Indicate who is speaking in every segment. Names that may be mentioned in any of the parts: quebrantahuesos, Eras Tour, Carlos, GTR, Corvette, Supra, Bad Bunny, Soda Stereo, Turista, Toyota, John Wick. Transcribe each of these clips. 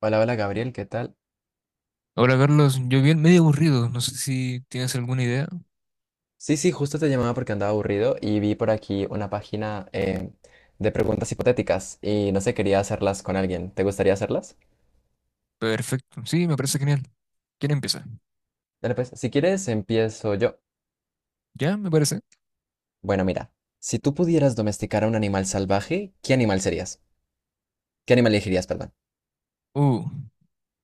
Speaker 1: Hola, hola Gabriel, ¿qué tal?
Speaker 2: Hola Carlos, yo bien medio aburrido, no sé si tienes alguna idea.
Speaker 1: Sí, sí, justo te llamaba porque andaba aburrido y vi por aquí una página de preguntas hipotéticas y no sé, quería hacerlas con alguien. ¿Te gustaría hacerlas?
Speaker 2: Perfecto, sí, me parece genial. ¿Quién empieza?
Speaker 1: Dale pues, si quieres empiezo yo.
Speaker 2: ¿Ya? Me parece.
Speaker 1: Bueno, mira, si tú pudieras domesticar a un animal salvaje, ¿qué animal serías? ¿Qué animal elegirías, perdón?
Speaker 2: Uh,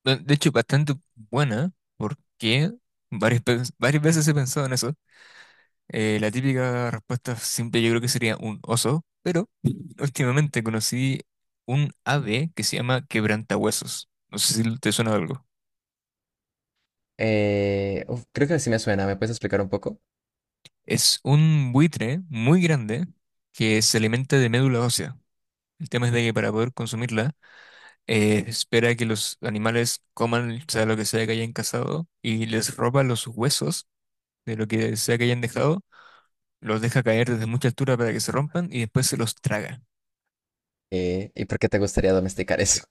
Speaker 2: de hecho, bastante buena, porque varias veces he pensado en eso. La típica respuesta simple yo creo que sería un oso, pero últimamente conocí un ave que se llama quebrantahuesos. No sé si te suena de algo.
Speaker 1: Uf, creo que sí me suena, ¿me puedes explicar un poco?
Speaker 2: Es un buitre muy grande que se alimenta de médula ósea. El tema es de que para poder consumirla, espera que los animales coman, o sea lo que sea que hayan cazado, y les roba los huesos de lo que sea que hayan dejado, los deja caer desde mucha altura para que se rompan y después se los traga.
Speaker 1: ¿Y por qué te gustaría domesticar eso?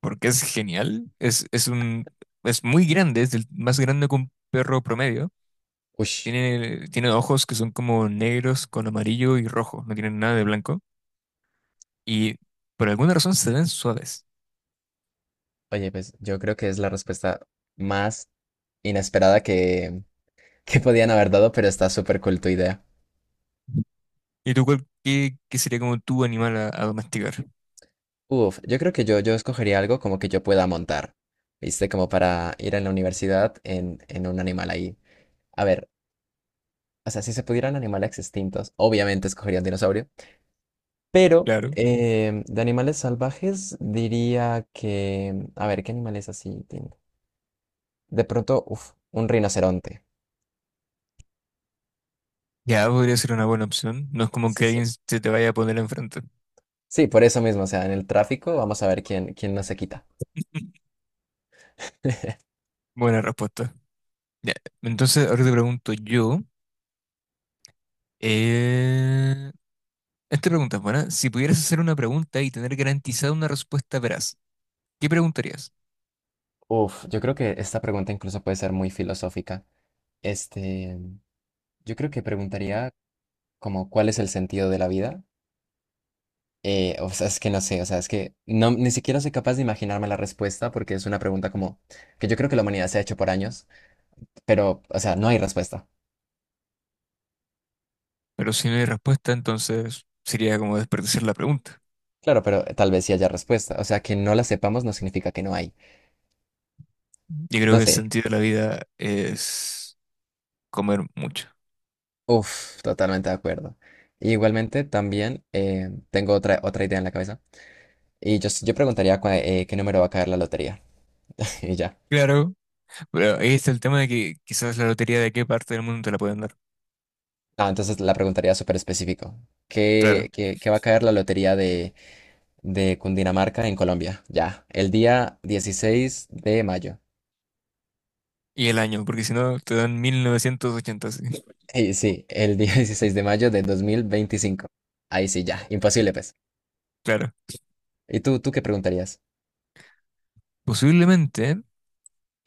Speaker 2: Porque es genial, es muy grande, es el más grande que un perro promedio.
Speaker 1: Ush,
Speaker 2: Tiene ojos que son como negros con amarillo y rojo, no tienen nada de blanco. Y por alguna razón se ven suaves.
Speaker 1: oye, pues yo creo que es la respuesta más inesperada que podían haber dado, pero está súper cool tu idea.
Speaker 2: ¿Y tú cuál, qué sería como tu animal a domesticar?
Speaker 1: Uf, yo creo que yo escogería algo como que yo pueda montar, ¿viste? Como para ir a la universidad en un animal ahí. A ver, o sea, si se pudieran animales extintos, obviamente escogería un dinosaurio, pero
Speaker 2: Claro.
Speaker 1: de animales salvajes diría que... A ver, ¿qué animales así tengo? De pronto, uf, un rinoceronte.
Speaker 2: Ya podría ser una buena opción. No es como
Speaker 1: Sí,
Speaker 2: que
Speaker 1: sí.
Speaker 2: alguien se te vaya a poner enfrente.
Speaker 1: Sí, por eso mismo, o sea, en el tráfico vamos a ver quién, quién no se quita.
Speaker 2: Buena respuesta. Ya, entonces ahora te pregunto yo. eh, Esta pregunta es buena. Si pudieras hacer una pregunta y tener garantizada una respuesta veraz, ¿qué preguntarías?
Speaker 1: Uf, yo creo que esta pregunta incluso puede ser muy filosófica. Este, yo creo que preguntaría como cuál es el sentido de la vida. O sea, es que no sé, o sea, es que no, ni siquiera soy capaz de imaginarme la respuesta porque es una pregunta como que yo creo que la humanidad se ha hecho por años, pero, o sea, no hay respuesta.
Speaker 2: Pero si no hay respuesta, entonces sería como desperdiciar la pregunta.
Speaker 1: Claro, pero tal vez sí haya respuesta. O sea, que no la sepamos no significa que no hay.
Speaker 2: Yo creo
Speaker 1: No
Speaker 2: que el
Speaker 1: sé.
Speaker 2: sentido de la vida es comer mucho.
Speaker 1: Uf, totalmente de acuerdo. Igualmente, también tengo otra idea en la cabeza. Yo preguntaría qué número va a caer la lotería. Y ya.
Speaker 2: Claro, pero ahí está el tema de que quizás la lotería de qué parte del mundo te la pueden dar.
Speaker 1: Ah, entonces la preguntaría súper específico. ¿Qué,
Speaker 2: Claro.
Speaker 1: qué va a caer la lotería de Cundinamarca en Colombia? Ya, el día 16 de mayo.
Speaker 2: Y el año, porque si no te dan 1980.
Speaker 1: Sí, sí, el día 16 de mayo de 2025. Ahí sí, ya, imposible, pues.
Speaker 2: Claro.
Speaker 1: ¿Y tú qué preguntarías?
Speaker 2: Posiblemente,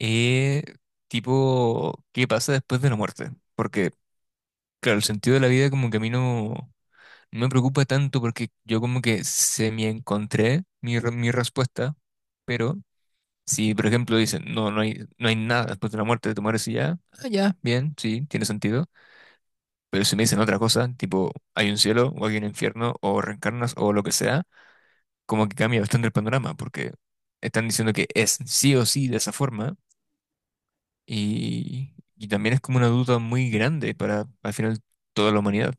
Speaker 2: eh, tipo, ¿qué pasa después de la muerte? Porque, claro, el sentido de la vida como que a mí no me preocupa tanto porque yo como que se me encontré mi respuesta, pero si, por ejemplo, dicen, no, no hay nada después de la muerte, de tu mueres y ya, ah, ya, bien, sí, tiene sentido. Pero si me dicen otra cosa, tipo, hay un cielo o hay un infierno o reencarnas o lo que sea, como que cambia bastante el panorama porque están diciendo que es sí o sí de esa forma. Y también es como una duda muy grande para al final toda la humanidad.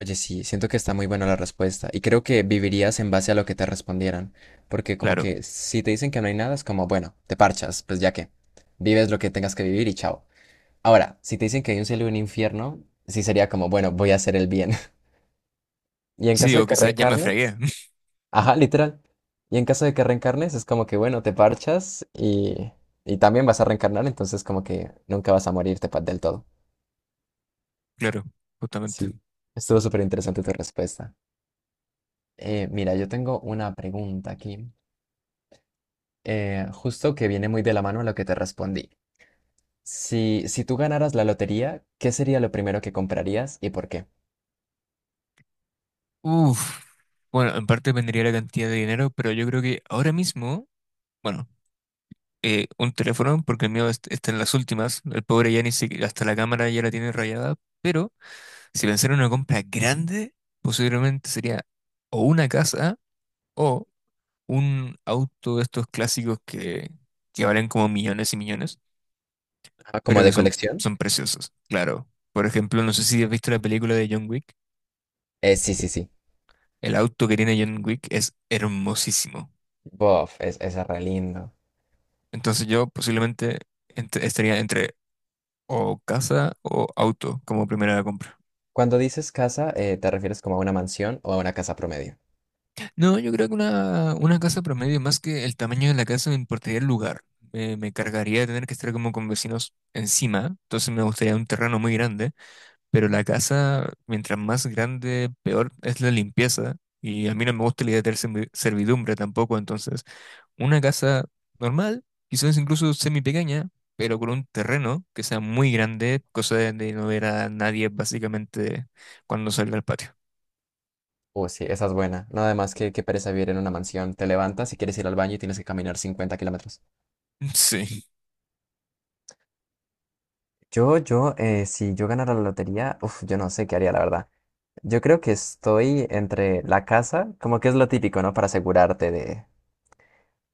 Speaker 1: Oye, sí, siento que está muy buena la respuesta y creo que vivirías en base a lo que te respondieran, porque como
Speaker 2: Claro.
Speaker 1: que si te dicen que no hay nada, es como, bueno, te parchas, pues ya que vives lo que tengas que vivir y chao. Ahora, si te dicen que hay un cielo y un infierno, sí sería como, bueno, voy a hacer el bien. Y en
Speaker 2: Sí,
Speaker 1: caso de
Speaker 2: o
Speaker 1: que
Speaker 2: quizás ya me
Speaker 1: reencarnes,
Speaker 2: fregué.
Speaker 1: ajá, literal. Y en caso de que reencarnes, es como que, bueno, te parchas y también vas a reencarnar, entonces como que nunca vas a morirte del todo.
Speaker 2: Claro, justamente.
Speaker 1: Sí, estuvo súper interesante tu respuesta. Mira, yo tengo una pregunta aquí, justo que viene muy de la mano a lo que te respondí. Si tú ganaras la lotería, ¿qué sería lo primero que comprarías y por qué?
Speaker 2: Uf. Bueno, en parte dependería la cantidad de dinero, pero yo creo que ahora mismo, bueno, un teléfono, porque el mío está en las últimas. El pobre ya ni siquiera, hasta la cámara ya la tiene rayada. Pero si pensara en una compra grande, posiblemente sería o una casa o un auto de estos clásicos que valen como millones y millones.
Speaker 1: Ah, ¿como
Speaker 2: Pero
Speaker 1: de
Speaker 2: que son,
Speaker 1: colección?
Speaker 2: son preciosos, claro. Por ejemplo, no sé si has visto la película de John Wick.
Speaker 1: Sí, sí, sí.
Speaker 2: El auto que tiene John Wick es hermosísimo.
Speaker 1: Bof, es re lindo.
Speaker 2: Entonces yo posiblemente estaría entre o casa o auto como primera compra.
Speaker 1: Cuando dices casa, ¿te refieres como a una mansión o a una casa promedio?
Speaker 2: No, yo creo que una casa promedio, más que el tamaño de la casa, me importaría el lugar. Me cargaría de tener que estar como con vecinos encima. Entonces me gustaría un terreno muy grande. Pero la casa, mientras más grande, peor es la limpieza. Y a mí no me gusta la idea de tener servidumbre tampoco. Entonces, una casa normal, quizás incluso semi pequeña, pero con un terreno que sea muy grande, cosa de no ver a nadie básicamente cuando salga al patio.
Speaker 1: Oh, sí, esa es buena. Nada además que pereza vivir en una mansión. Te levantas y quieres ir al baño y tienes que caminar 50 km.
Speaker 2: Sí.
Speaker 1: Si yo ganara la lotería, uf, yo no sé qué haría, la verdad. Yo creo que estoy entre la casa, como que es lo típico, ¿no? Para asegurarte de,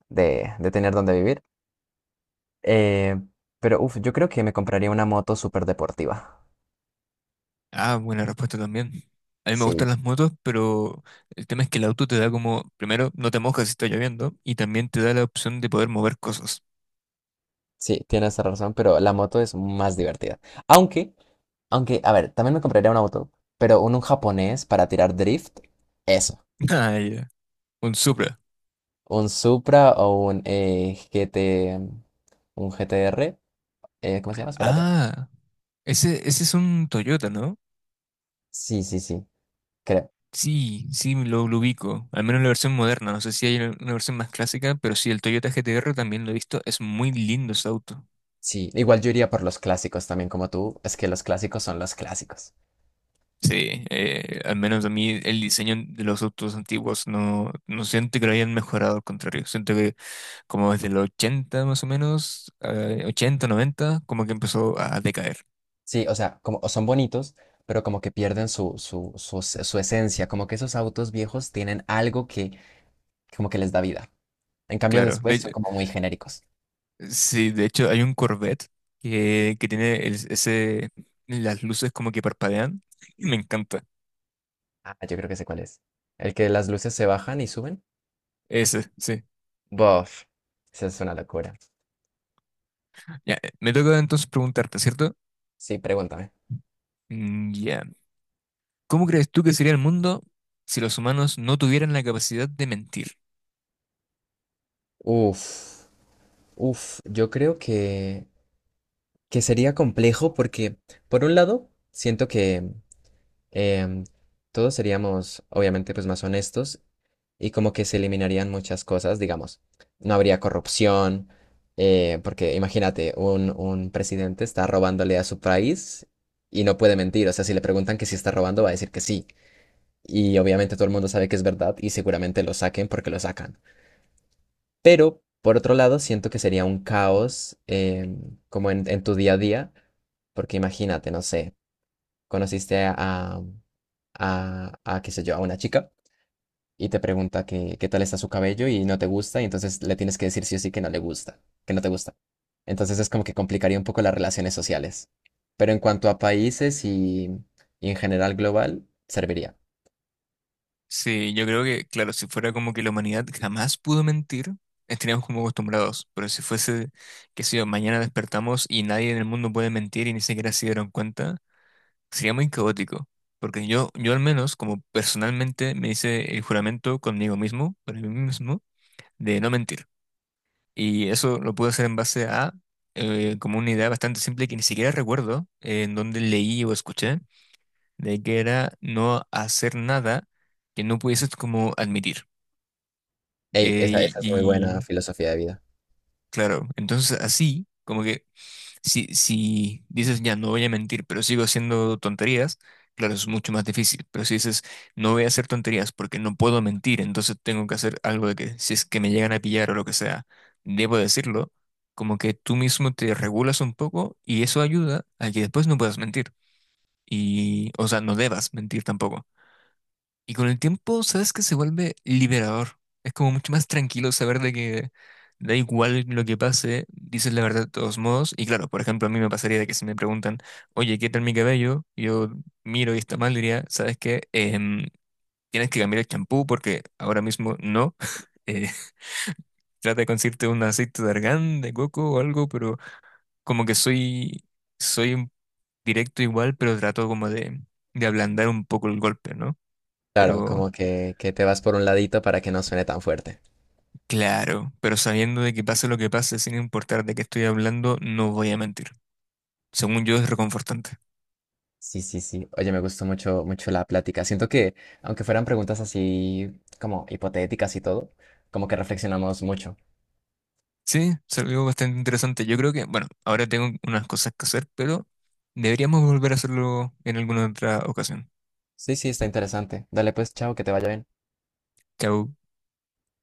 Speaker 1: de, de tener dónde vivir. Eh, pero, uf, yo creo que me compraría una moto súper deportiva.
Speaker 2: Ah, buena respuesta también. A mí me
Speaker 1: Sí,
Speaker 2: gustan las motos, pero el tema es que el auto te da como, primero, no te mojas si está lloviendo, y también te da la opción de poder mover cosas.
Speaker 1: sí, tienes razón, pero la moto es más divertida. Aunque, aunque, a ver, también me compraría una moto, pero un japonés para tirar drift. Eso.
Speaker 2: Ah, ya. Un Supra.
Speaker 1: Un Supra o un G T un G GTR, ¿cómo se llama? Espérate.
Speaker 2: Ah, ese es un Toyota, ¿no?
Speaker 1: Sí, sí, sí, creo.
Speaker 2: Sí, sí, lo ubico. Al menos la versión moderna. No sé si hay una versión más clásica, pero sí, el Toyota GTR también lo he visto. Es muy lindo ese auto.
Speaker 1: Sí, igual yo iría por los clásicos también como tú, es que los clásicos son los clásicos.
Speaker 2: Sí, al menos a mí el diseño de los autos antiguos no siento que lo hayan mejorado, al contrario. Siento que como desde los 80 más o menos, 80, 90, como que empezó a decaer.
Speaker 1: Sí, o sea, como o son bonitos, pero como que pierden su esencia, como que esos autos viejos tienen algo que como que les da vida. En cambio
Speaker 2: Claro.
Speaker 1: después son como muy genéricos.
Speaker 2: Sí, de hecho hay un Corvette que tiene ese, las luces como que parpadean. Y me encanta.
Speaker 1: Ah, yo creo que sé cuál es. El que las luces se bajan y suben.
Speaker 2: Ese, sí.
Speaker 1: Bof, esa es una locura.
Speaker 2: Ya, me toca entonces preguntarte, ¿cierto?
Speaker 1: Sí, pregúntame.
Speaker 2: Ya. ¿Cómo crees tú que sería el mundo si los humanos no tuvieran la capacidad de mentir?
Speaker 1: Uf. Uf, yo creo que sería complejo porque, por un lado, siento que em, todos seríamos, obviamente, pues más honestos y como que se eliminarían muchas cosas, digamos. No habría corrupción, porque imagínate, un presidente está robándole a su país y no puede mentir. O sea, si le preguntan que si está robando, va a decir que sí. Y obviamente todo el mundo sabe que es verdad y seguramente lo saquen porque lo sacan. Pero, por otro lado, siento que sería un caos como en tu día a día, porque imagínate, no sé, conociste a, qué sé yo, a una chica y te pregunta que, qué tal está su cabello y no te gusta, y entonces le tienes que decir sí o sí que no le gusta, que no te gusta. Entonces es como que complicaría un poco las relaciones sociales. Pero en cuanto a países y en general global, serviría.
Speaker 2: Sí, yo creo que, claro, si fuera como que la humanidad jamás pudo mentir, estaríamos como acostumbrados. Pero si fuese, qué sé yo, mañana despertamos y nadie en el mundo puede mentir y ni siquiera se dieron cuenta, sería muy caótico. Porque yo al menos, como personalmente, me hice el juramento conmigo mismo, para mí mismo, de no mentir. Y eso lo pude hacer en base a como una idea bastante simple que ni siquiera recuerdo en dónde leí o escuché, de que era no hacer nada que no pudieses como admitir.
Speaker 1: Ey, esa, esa es muy buena
Speaker 2: Y
Speaker 1: filosofía de vida.
Speaker 2: claro, entonces así, como que si, si dices, ya no voy a mentir, pero sigo haciendo tonterías, claro, es mucho más difícil. Pero si dices, no voy a hacer tonterías porque no puedo mentir, entonces tengo que hacer algo de que, si es que me llegan a pillar o lo que sea, debo decirlo, como que tú mismo te regulas un poco y eso ayuda a que después no puedas mentir. Y, o sea, no debas mentir tampoco. Y con el tiempo, sabes que se vuelve liberador. Es como mucho más tranquilo saber de que da igual lo que pase, dices la verdad de todos modos. Y claro, por ejemplo, a mí me pasaría de que si me preguntan, oye, ¿qué tal mi cabello? Yo miro y está mal, diría, ¿sabes qué? Tienes que cambiar el champú porque ahora mismo no. Eh, trata de conseguirte un aceite de argán, de coco o algo, pero como que soy directo igual, pero trato como de ablandar un poco el golpe, ¿no?
Speaker 1: Claro,
Speaker 2: Pero...
Speaker 1: como que te vas por un ladito para que no suene tan fuerte.
Speaker 2: Claro, pero sabiendo de que pase lo que pase, sin importar de qué estoy hablando, no voy a mentir. Según yo, es reconfortante.
Speaker 1: Sí, sí, sí. Oye, me gustó mucho, mucho la plática. Siento que, aunque fueran preguntas así como hipotéticas y todo, como que reflexionamos mucho.
Speaker 2: Sí, es algo bastante interesante. Yo creo que, bueno, ahora tengo unas cosas que hacer, pero deberíamos volver a hacerlo en alguna otra ocasión.
Speaker 1: Sí, sí, está interesante. Dale pues, chao, que te vaya bien.
Speaker 2: Chao.